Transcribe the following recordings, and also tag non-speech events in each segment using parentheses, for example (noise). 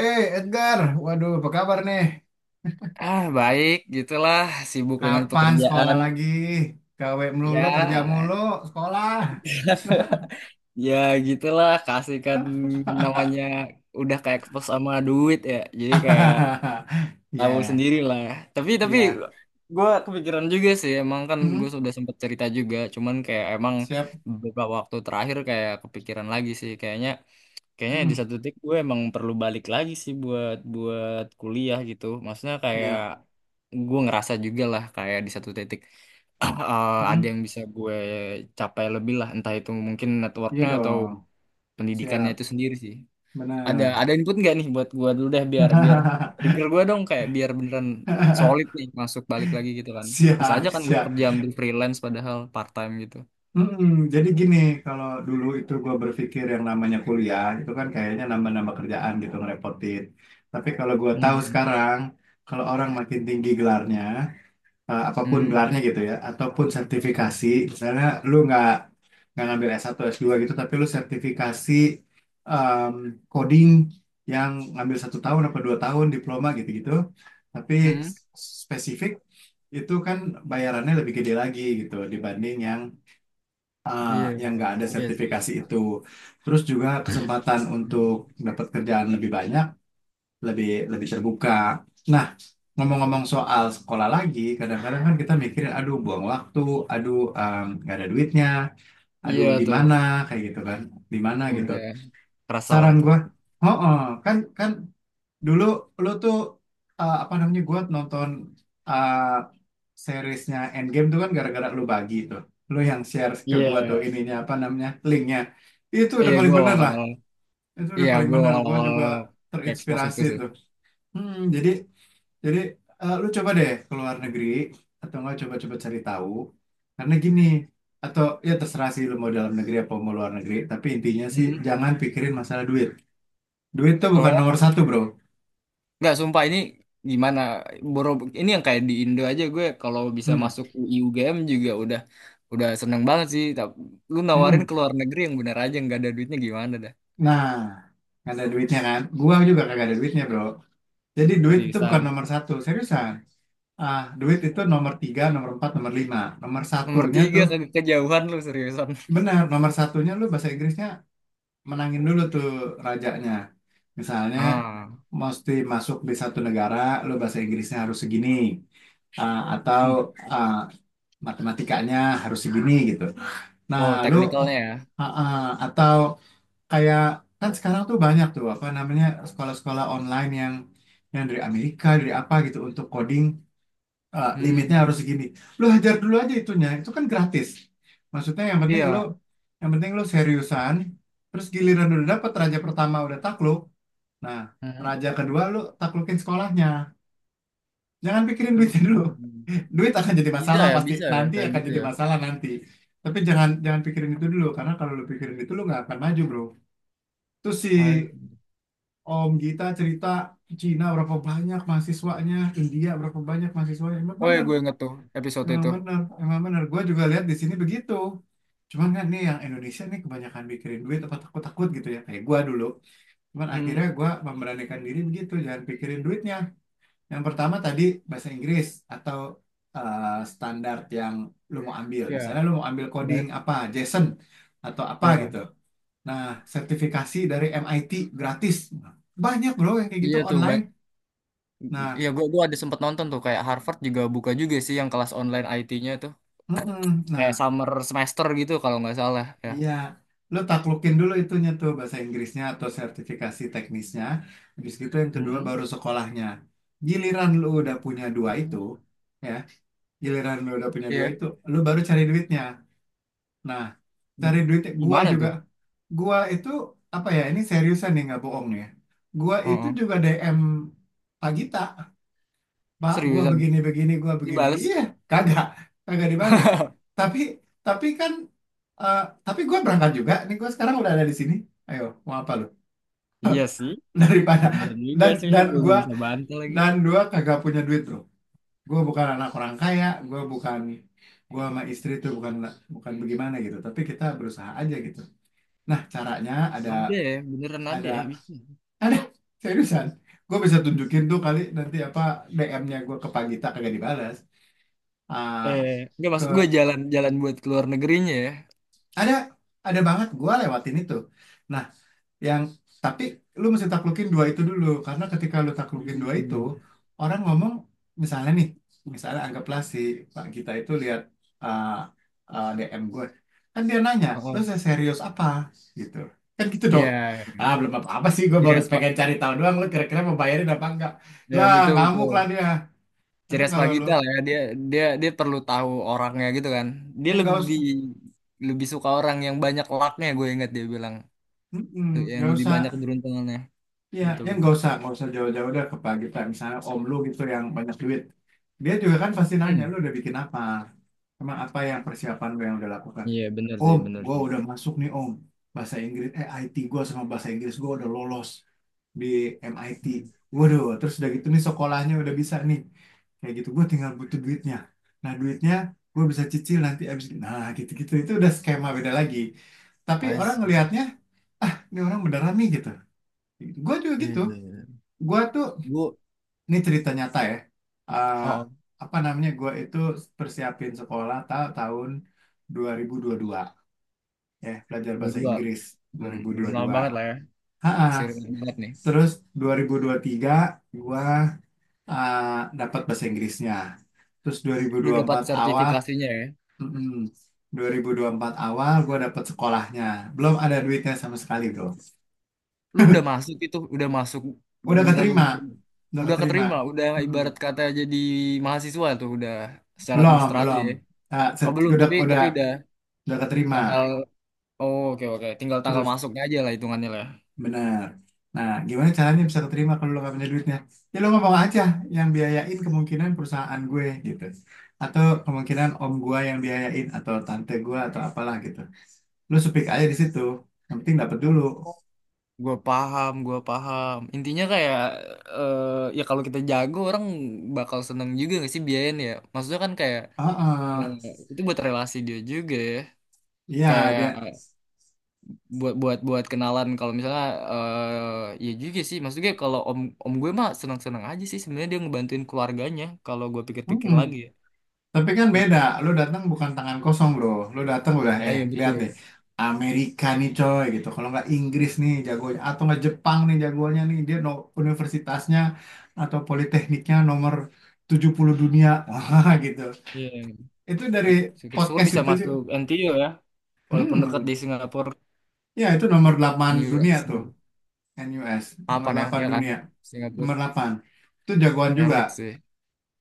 Edgar, waduh, apa kabar nih? Ah, baik, gitulah. Sibuk dengan Kapan sekolah pekerjaan. lagi? Gawe melulu, kerja Ya. mulu, sekolah. (laughs) Ya, gitulah. Kasihkan namanya udah kayak kepes sama duit ya. Jadi kayak (laughs) tahu Ya, sendiri lah. Tapi ya. gue kepikiran juga sih. Emang kan gue Hmm, sudah sempat cerita juga. Cuman kayak emang siap. beberapa waktu terakhir kayak kepikiran lagi sih. Kayaknya di Hmm, satu titik gue emang perlu balik lagi sih buat buat kuliah gitu. Maksudnya kayak iya. gue ngerasa juga lah kayak di satu titik, ada Hmm, yang bisa gue capai lebih lah, entah itu mungkin iya networknya atau dong. pendidikannya Siap, itu sendiri sih. ada benar. ada input nggak nih buat gue dulu deh, biar biar (laughs) trigger gue dong, kayak biar beneran solid nih masuk balik lagi gitu kan. Bisa aja Siap, kan gue siap. kerja ambil freelance padahal part time gitu. Mm-mm, jadi gini, kalau dulu itu gue berpikir yang namanya kuliah itu kan kayaknya nambah-nambah kerjaan gitu ngerepotin. Tapi kalau gue tahu Hmm, sekarang, kalau orang makin tinggi gelarnya, apapun hmm, gelarnya gitu ya ataupun sertifikasi misalnya lu nggak ngambil S1 S2 gitu tapi lu sertifikasi em, coding yang ngambil satu tahun apa 2 tahun diploma gitu-gitu tapi hmm, hmm. s- spesifik itu kan bayarannya lebih gede lagi gitu dibanding eh, Iya, yang nggak ada iya sih. sertifikasi itu, terus juga kesempatan untuk (laughs) dapat kerjaan lebih banyak, lebih lebih terbuka. Nah, ngomong-ngomong soal sekolah lagi, kadang-kadang kan kita mikirin, aduh buang waktu, aduh, nggak ada duitnya, aduh Iya di tuh, mana kayak gitu kan, di mana gitu. udah kerasa lah Saran itu. gua, oh, oh, kan kan dulu lu tuh, apa namanya, gua nonton eh, seriesnya Endgame tuh kan gara-gara lu bagi tuh, lu yang share ke gua tuh Iya, ininya, apa namanya, linknya, itu udah iya, paling gue bener lah, awal-awal, itu udah iya, paling gue bener. Gua awal-awal juga expose itu terinspirasi sih. tuh. Hmm, jadi lu coba deh ke luar negeri atau enggak coba-coba cari tahu. Karena gini, atau ya terserah sih lu mau dalam negeri apa mau luar negeri, tapi intinya sih Hmm. jangan pikirin masalah duit. Duit tuh bukan nomor satu, bro. Nggak, sumpah ini gimana? Boro, ini yang kayak di Indo aja, gue kalau bisa Hmm. masuk UI UGM juga udah seneng banget sih. Tapi lu nawarin Hmm. ke luar negeri, yang bener aja, nggak ada duitnya gimana dah? Nah, nggak ada duitnya kan? Gua juga kagak ada duitnya, bro. Jadi duit itu bukan Seriusan. nomor satu, seriusan. Ah, duit itu nomor tiga, nomor empat, nomor lima. Nomor Nomor satunya tiga tuh, ke kejauhan lu, seriusan. (laughs) benar, nomor satunya lu bahasa Inggrisnya, menangin dulu tuh rajanya. Misalnya Ah, mesti masuk di satu negara, lo bahasa Inggrisnya harus segini, atau hmm. ah, matematikanya harus segini gitu. Nah, Oh, lo teknikalnya ya. ah, ah, atau kayak, kan sekarang tuh banyak tuh apa namanya sekolah-sekolah online yang dari Amerika, dari apa gitu untuk coding, limitnya Hmm, harus segini. Lu hajar dulu aja itunya, itu kan gratis. Maksudnya iya. yang penting lu seriusan, terus giliran udah dapet raja pertama udah takluk. Nah, Hmm. raja kedua lu taklukin sekolahnya. Jangan pikirin duitnya dulu. Hmm. (laughs) Duit akan jadi masalah pasti, Bisa ya nanti kayak akan gitu jadi ya. masalah nanti. Tapi jangan jangan pikirin itu dulu karena kalau lu pikirin itu lu nggak akan maju, bro. Terus si Ah. Om Gita cerita Cina berapa banyak mahasiswanya, India berapa banyak mahasiswanya. Emang Oh ya, bener. gue inget tuh episode Emang itu. benar emang benar gue juga lihat di sini begitu. Cuman kan nih yang Indonesia nih kebanyakan pikirin duit apa takut-takut gitu ya. Kayak gue dulu. Cuman Hmm, akhirnya gue memberanikan diri begitu. Jangan pikirin duitnya. Yang pertama tadi bahasa Inggris atau eh, standar yang lu mau ambil. ya, Misalnya lu mau ambil coding Ba- apa, JSON atau apa ya. gitu. Nah, sertifikasi dari MIT gratis. Banyak bro yang kayak gitu Iya tuh. online. Nah, Iya, gua ada sempat nonton tuh kayak Harvard juga buka juga sih yang kelas online IT-nya tuh, mm-mm. kayak Nah, summer semester gitu kalau nggak salah ya. iya, lu taklukin dulu itunya tuh bahasa Inggrisnya atau sertifikasi teknisnya. Habis gitu yang kedua Mm-mm. baru sekolahnya. Giliran lu udah punya dua itu, ya, giliran lu udah punya dua Iya, itu, lu baru cari duitnya. Nah, cari duit gua gimana juga. tuh? Gua itu apa ya? Ini seriusan nih nggak bohong nih ya. Gua itu Heeh. juga DM Pak Gita. Pak, gua Seriusan begini-begini, gua begini-begini. dibales? Iya, kagak, kagak dibales. (laughs) Tapi, tapi kan, eh, tapi gua berangkat juga. Nih gua sekarang udah ada di sini. Ayo, mau apa lu? Iya sih, (laughs) Daripada bener juga dan sih lo, dan gue nggak bisa bantah lagi. Gua kagak punya duit, bro. Gua bukan anak orang kaya. Gua sama istri tuh bukan bukan bagaimana gitu. Tapi kita berusaha aja gitu. Nah, caranya Ada ada ya, beneran ada ada ya bisa. ada, seriusan. Gua bisa tunjukin tuh kali nanti, apa, DM-nya gua ke Pak Gita kagak dibalas. Ah, Eh, nggak, ke maksud gue jalan-jalan buat keluar negerinya ya. Ada, ada banget gua lewatin itu. Nah, yang tapi lu mesti taklukin dua itu dulu karena ketika lu taklukin dua itu, Hmm. orang ngomong misalnya nih, misalnya anggaplah si Pak Gita itu lihat uh, DM gue. Kan dia nanya, "Lu Heeh. serius apa?" gitu. Kan gitu Iya, dong. Ah, iya. belum apa-apa sih gue Ciri baru khas Pak. pengen cari tahu doang lu kira-kira mau bayarin apa enggak. Ya, Lah, betul ngamuk lah betul. dia. Tapi Ceria kalau lu Pagita lah ya, dia dia dia perlu tahu orangnya gitu kan. Dia ya nggak lebih usah. lebih suka orang yang banyak lucknya, gue ingat dia bilang, Mm-mm, yang nggak lebih usah. banyak keberuntungannya. Iya, ya, Betul yang betul. nggak usah, jauh-jauh deh ke pagi Pak. Misalnya om lu gitu yang banyak duit. Dia juga kan pasti nanya, Hmm, lu udah bikin apa? Emang apa yang persiapan lu yang udah lakukan? iya bener sih, Om, benar gua sih. udah masuk nih, om. Bahasa Inggris, eh IT gua sama bahasa Inggris gua udah lolos di MIT. Hmm. Waduh, terus udah gitu nih sekolahnya udah bisa nih. Kayak gitu, gua tinggal butuh duitnya. Nah, duitnya gua bisa cicil nanti abis. Nah gitu-gitu, itu udah skema beda lagi. Tapi I orang see. ngelihatnya, ini orang beneran nih gitu. Gue juga gitu. Iya. Gue tuh Gue, Ini cerita nyata ya. Eh, oh, apa namanya? Gue itu persiapin sekolah tahun 2022, ya belajar gue bahasa dua, Inggris hmm, belum lama 2022. banget lah ya, Ha-ha. sering banget nih. Terus 2023 gue dapat bahasa Inggrisnya. Terus Lu dapat 2024 awal, sertifikasinya ya. mm-mm, 2024 awal gue dapat sekolahnya. Belum ada duitnya sama sekali, bro. Lu udah masuk, itu udah masuk. Udah Beneran keterima, udah terima, udah udah keterima. keterima, udah Mm-mm. ibarat kata jadi mahasiswa tuh udah, secara Belum, administrasi belum. ya. Ah, Oh belum, udah, tapi tapi udah udah keterima. tanggal. Oh, oke, oke, tinggal tanggal Terus masuknya aja lah hitungannya lah. benar. Nah, gimana caranya bisa keterima kalau lo gak punya duitnya? Ya, ya, lo ngomong aja yang biayain kemungkinan perusahaan gue gitu. Atau kemungkinan om gue yang biayain atau tante gue atau apalah gitu. Lo speak aja di situ. Yang penting dapet dulu. Gue paham, gue paham. Intinya kayak, eh ya kalau kita jago, orang bakal seneng juga gak sih biayain ya. Maksudnya kan kayak, eh, Oh, itu buat relasi dia juga ya. iya, Kayak dia. buat buat buat kenalan, kalau misalnya, ya juga sih. Maksudnya kalau om om gue mah seneng seneng aja sih, sebenarnya dia ngebantuin keluarganya kalau gue pikir-pikir Mm-mm. lagi ya. Tapi kan beda, lu datang bukan tangan kosong, bro. Lu datang udah, Ya iya lihat deh, betul. Amerika nih, coy, gitu, kalau nggak Inggris nih jagonya, atau nggak Jepang nih jagonya nih, dia no, universitasnya atau politekniknya nomor 70 dunia, (laughs) wah gitu. Iya, Itu dari syukur-syukur podcast bisa itu, dia, masuk NTU ya, walaupun dekat hmm, di Singapura, ya itu nomor 8 in dunia US tuh, gitu. NUS, Apa nomor ya, 8 ya kan, dunia, Singapura nomor 8. Itu jagoan juga. elit sih,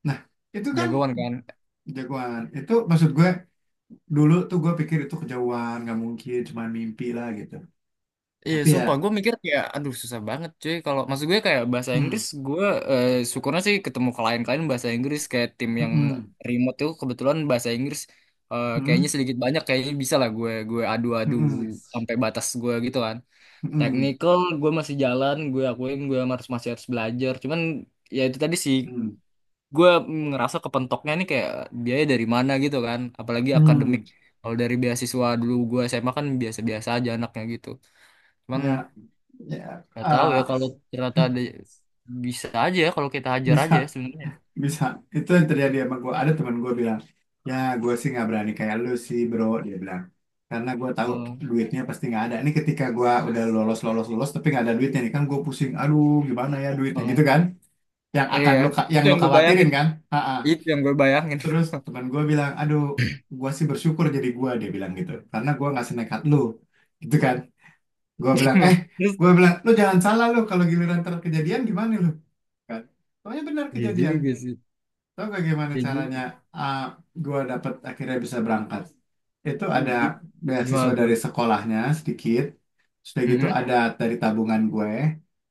Nah, itu kan jagoan kan. jagoan, itu maksud gue dulu tuh gue pikir itu kejauhan nggak mungkin cuma mimpi lah gitu, Iya, tapi ya. sumpah gue mikir kayak, aduh, susah banget cuy, kalau maksud gue kayak bahasa Hmm. Inggris gue, syukurnya sih ketemu klien-klien bahasa Inggris, kayak tim yang Hmm. remote tuh kebetulan bahasa Inggris, kayaknya Hmm. sedikit banyak kayaknya bisa lah gue adu-adu Hmm. sampai batas gue gitu kan. Hmm. Technical gue masih jalan, gue akuin gue masih harus belajar. Cuman ya itu tadi sih, Hmm. gue ngerasa kepentoknya nih kayak, biaya dari mana gitu kan, apalagi Hmm. akademik, kalau dari beasiswa dulu gue SMA kan biasa-biasa aja anaknya gitu, cuman Ya, ya. nggak tahu ya Ah, kalau ternyata ada, bisa aja ya kalau kita hajar bisa, aja ya sebenarnya. bisa, itu yang terjadi sama gue. Ada teman gue bilang, ya, gue sih nggak berani kayak lu sih, bro, dia bilang, karena gue tahu Heeh, duitnya pasti nggak ada ini, ketika gue udah lolos lolos lolos tapi nggak ada duitnya nih kan gue pusing, aduh, gimana ya duitnya, gitu heeh. kan, yang Eh, akan ya, yang itu lo yang gue khawatirin bayangin, kan. Ha-ha. itu yang gue bayangin. Terus teman gue bilang, aduh, gue sih bersyukur jadi gue, dia bilang gitu. Karena gue nggak senekat lu. Gitu kan. Gue bilang, eh, (laughs) Terus gue bilang, lu jangan salah lu kalau giliran terkejadian gimana lu? Kan. Soalnya benar iya kejadian. juga sih, Tahu gak gimana iya caranya, juga. ah, gue dapat akhirnya bisa berangkat? Itu ada Gi- beasiswa Gimana tuh? dari sekolahnya sedikit, sudah gitu Mm-mm, ada dari tabungan gue,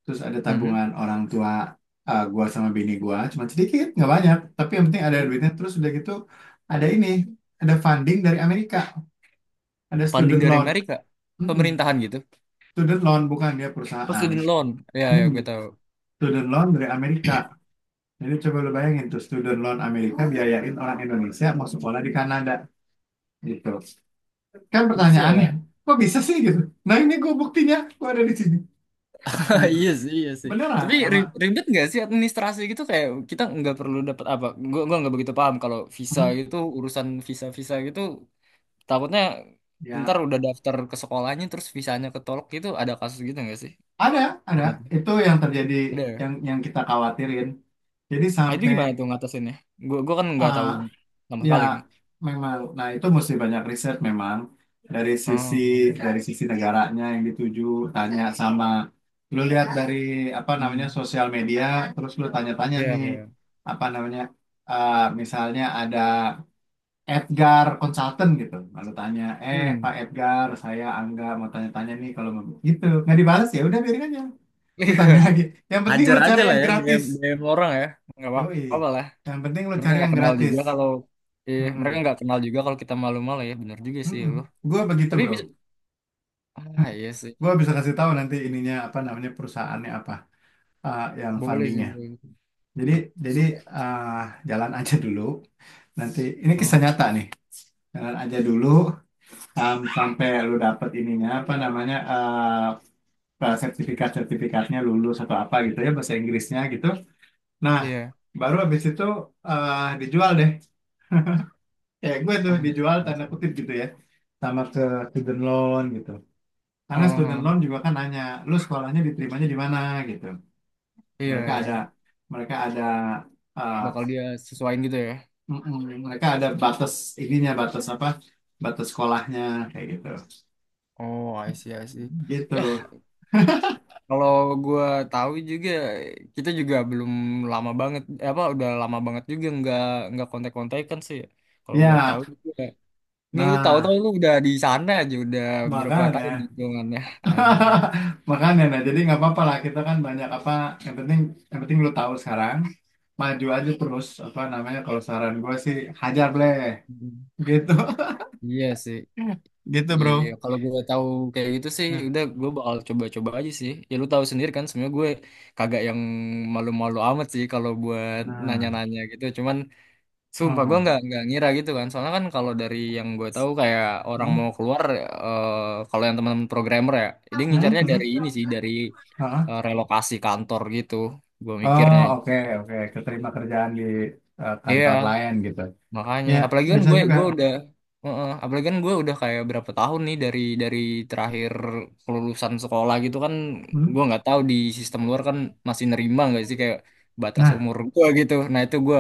terus ada mm-mm, tabungan orang tua, gue sama bini gue, cuma sedikit nggak banyak, tapi yang penting ada mm. duitnya. Terus sudah gitu ada ini, ada funding dari Amerika, ada Funding student dari loan. Amerika, Mm-mm. pemerintahan gitu. Student loan bukan dia Oh, perusahaan, student loan, ya ya, mm gue tahu. student loan dari Amerika. Jadi coba lu bayangin tuh student loan Amerika biayain orang Indonesia mau sekolah di Kanada, gitu kan, Bisa pertanyaannya ya? kok bisa sih gitu. Nah, ini gue buktinya, gue ada di sini (laughs) Ah, gitu, iya sih, iya sih. beneran Tapi nama. Ribet nggak sih administrasi gitu, kayak kita nggak perlu dapat apa? Gua nggak begitu paham kalau visa Hmm, gitu, urusan visa visa gitu, takutnya ntar ya, udah daftar ke sekolahnya terus visanya ketolak gitu, ada kasus gitu nggak sih? ada ada Bener. itu yang terjadi, Ada, ya? yang kita khawatirin, jadi Nah, itu sampai, gimana tuh ngatasinnya? Gua kan nggak ah, tahu sama ya sekali nih. memang, nah, itu mesti banyak riset memang, dari sisi Hmm. dari sisi negaranya yang dituju, tanya sama, lu lihat dari apa namanya Hmm. sosial media, terus lu tanya-tanya Iya, nih, iya. apa namanya, misalnya ada Edgar Consultant gitu. Lalu tanya, eh Hmm. Pak Edgar, saya Angga mau tanya-tanya nih kalau mau gitu. Nggak dibalas ya, udah biarin aja. Lu tanya (laughs) lagi. Yang penting lu Hajar aja cari lah yang ya, DM gratis. DM orang ya. Nggak Yoi. apa-apa lah. Yang penting lu Mereka cari nggak yang kenal gratis. juga kalau, Mm-mm. Kita malu-malu ya, bener juga sih ya Mm-mm. loh. Gua begitu, Tapi bro. bisa, iya sih. Gua bisa kasih tahu nanti ininya, apa namanya perusahaannya apa, yang Boleh sih, fundingnya. boleh. Jadi jadi Sumpah. eh, jalan aja dulu. Nanti ini kisah Oh, nyata nih. Jalan aja dulu sampai lu dapet ininya, apa namanya, sertifikat-sertifikatnya lulus atau apa gitu ya, bahasa Inggrisnya gitu. Nah, iya, baru habis itu, dijual deh. Kayak gue tuh ah, dijual tanda masuk. kutip gitu ya, sama ke student loan gitu. Oh, Karena student oh, loan oh. juga kan nanya, lu sekolahnya diterimanya di mana gitu. Iya, Mereka iya, ada mereka ada, eh, bakal dia sesuaiin gitu ya. Mereka ada batas, ininya batas apa? Batas sekolahnya kayak gitu. Oh, I see, I see. Gitu. Ya, kalau gua tahu juga, kita juga belum lama banget, eh, apa, udah lama banget juga nggak kontak-kontakan sih ya. Kalau gua Ya, tahu juga ini, lu tahu-tahu nah, lu udah di sana aja, udah berapa makanya. tahun hitungannya. (laughs) Anjir. (laughs) Makanya nah, jadi nggak apa-apa lah, kita kan banyak apa, yang penting, lu tahu sekarang, maju aja terus, apa namanya, kalau saran gue sih, hajar bleh Mhm. gitu. Iya sih. (laughs) Gitu, bro. Iya, kalau gue tahu kayak gitu sih, Nah. udah, gue bakal coba-coba aja sih. Ya, lu tahu sendiri kan, sebenarnya gue kagak yang malu-malu amat sih kalau buat Nah. nanya-nanya gitu. Cuman sumpah gue Oh. nggak ngira gitu kan. Soalnya kan kalau dari yang gue tahu kayak, orang mau Hmm. keluar, eh, kalau yang teman-teman programmer ya, dia Hmm, ngincarnya hmm. dari ini sih, dari, Hah? Relokasi kantor gitu. Gue Oh, mikirnya. oke, oke keterima kerjaan di, kantor Iya. lain gitu, Makanya, ya apalagi kan bisa gue juga. gue udah. Heeh, apalagi kan gue udah kayak berapa tahun nih dari terakhir kelulusan sekolah gitu kan. Hmm. Gue nggak tahu di sistem luar kan, masih nerima nggak sih kayak batas Nah, umur gue gitu. Nah itu gue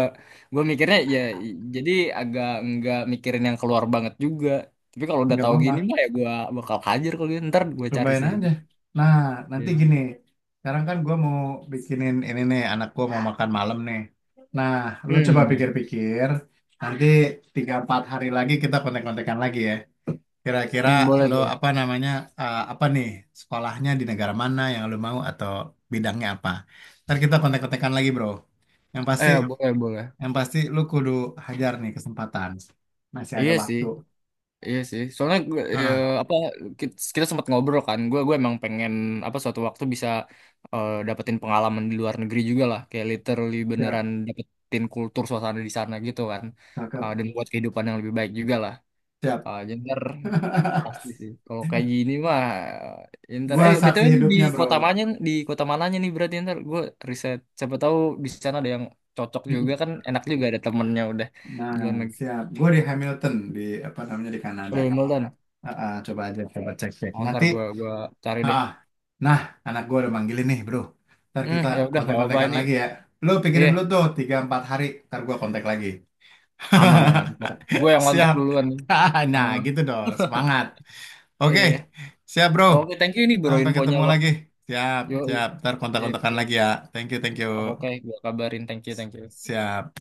gue mikirnya ya, jadi agak nggak mikirin yang keluar banget juga. Tapi kalau udah nggak tahu apa-apa. gini mah ya, gue bakal hajar kalau gitu. Ntar gue cari Cobain sih. aja. Nah, nanti Iya. gini. Sekarang kan gue mau bikinin ini nih, anak gue mau makan malam nih. Nah, lo coba Hmm, pikir-pikir. Nanti 3 4 hari lagi kita kontek-kontekan lagi ya. Kira-kira hmm, boleh lo tuh. apa namanya, apa nih, sekolahnya di negara mana yang lo mau atau bidangnya apa. Ntar kita kontek-kontekan lagi, bro. Yang pasti, Eh, boleh, boleh. yang pasti lo kudu hajar nih kesempatan. Masih ada Iya sih. waktu. Iya sih, soalnya gue, ya, Heeh, apa, kita sempat ngobrol kan, gue emang pengen apa suatu waktu bisa, dapetin pengalaman di luar negeri juga lah, kayak literally siap, beneran dapetin kultur suasana di sana gitu kan. cakep, Eh, dan buat kehidupan yang lebih baik juga lah. siap. Eh, jadi ntar (laughs) pasti sih, kalau kayak gini mah, ntar, Gua saksi btw lu hidupnya, bro. Di kota mananya nih berarti. Ya ntar gue riset, siapa tahu di sana ada yang cocok juga kan, enak juga ada temennya udah Nah, di luar negeri. siap. Gue di Hamilton, di apa namanya, di Kanada. Lu Meldan. Coba aja, coba cek, cek. Oh, ntar Nanti. gue gua cari ah, deh. ah. Nah, anak gue udah manggilin nih, bro. Ntar Hmm, kita ya udah, nggak apa-apa kontak-kontakan ini. lagi ya. Lo pikirin Iya, dulu tuh 3 4 hari, ntar gue kontak lagi. aman aman. Ntar gue yang (laughs) kontak Siap. duluan nih. (laughs) Nah, Heeh, gitu dong, semangat. Oke, iya. siap bro. Oke, thank you ini bro Sampai infonya ketemu loh. lagi. Siap, Yo, siap. Ntar sip, kontak-kontakan sip. lagi ya. Thank you, thank you. Oke, gue kabarin. Thank you, thank you. Siap.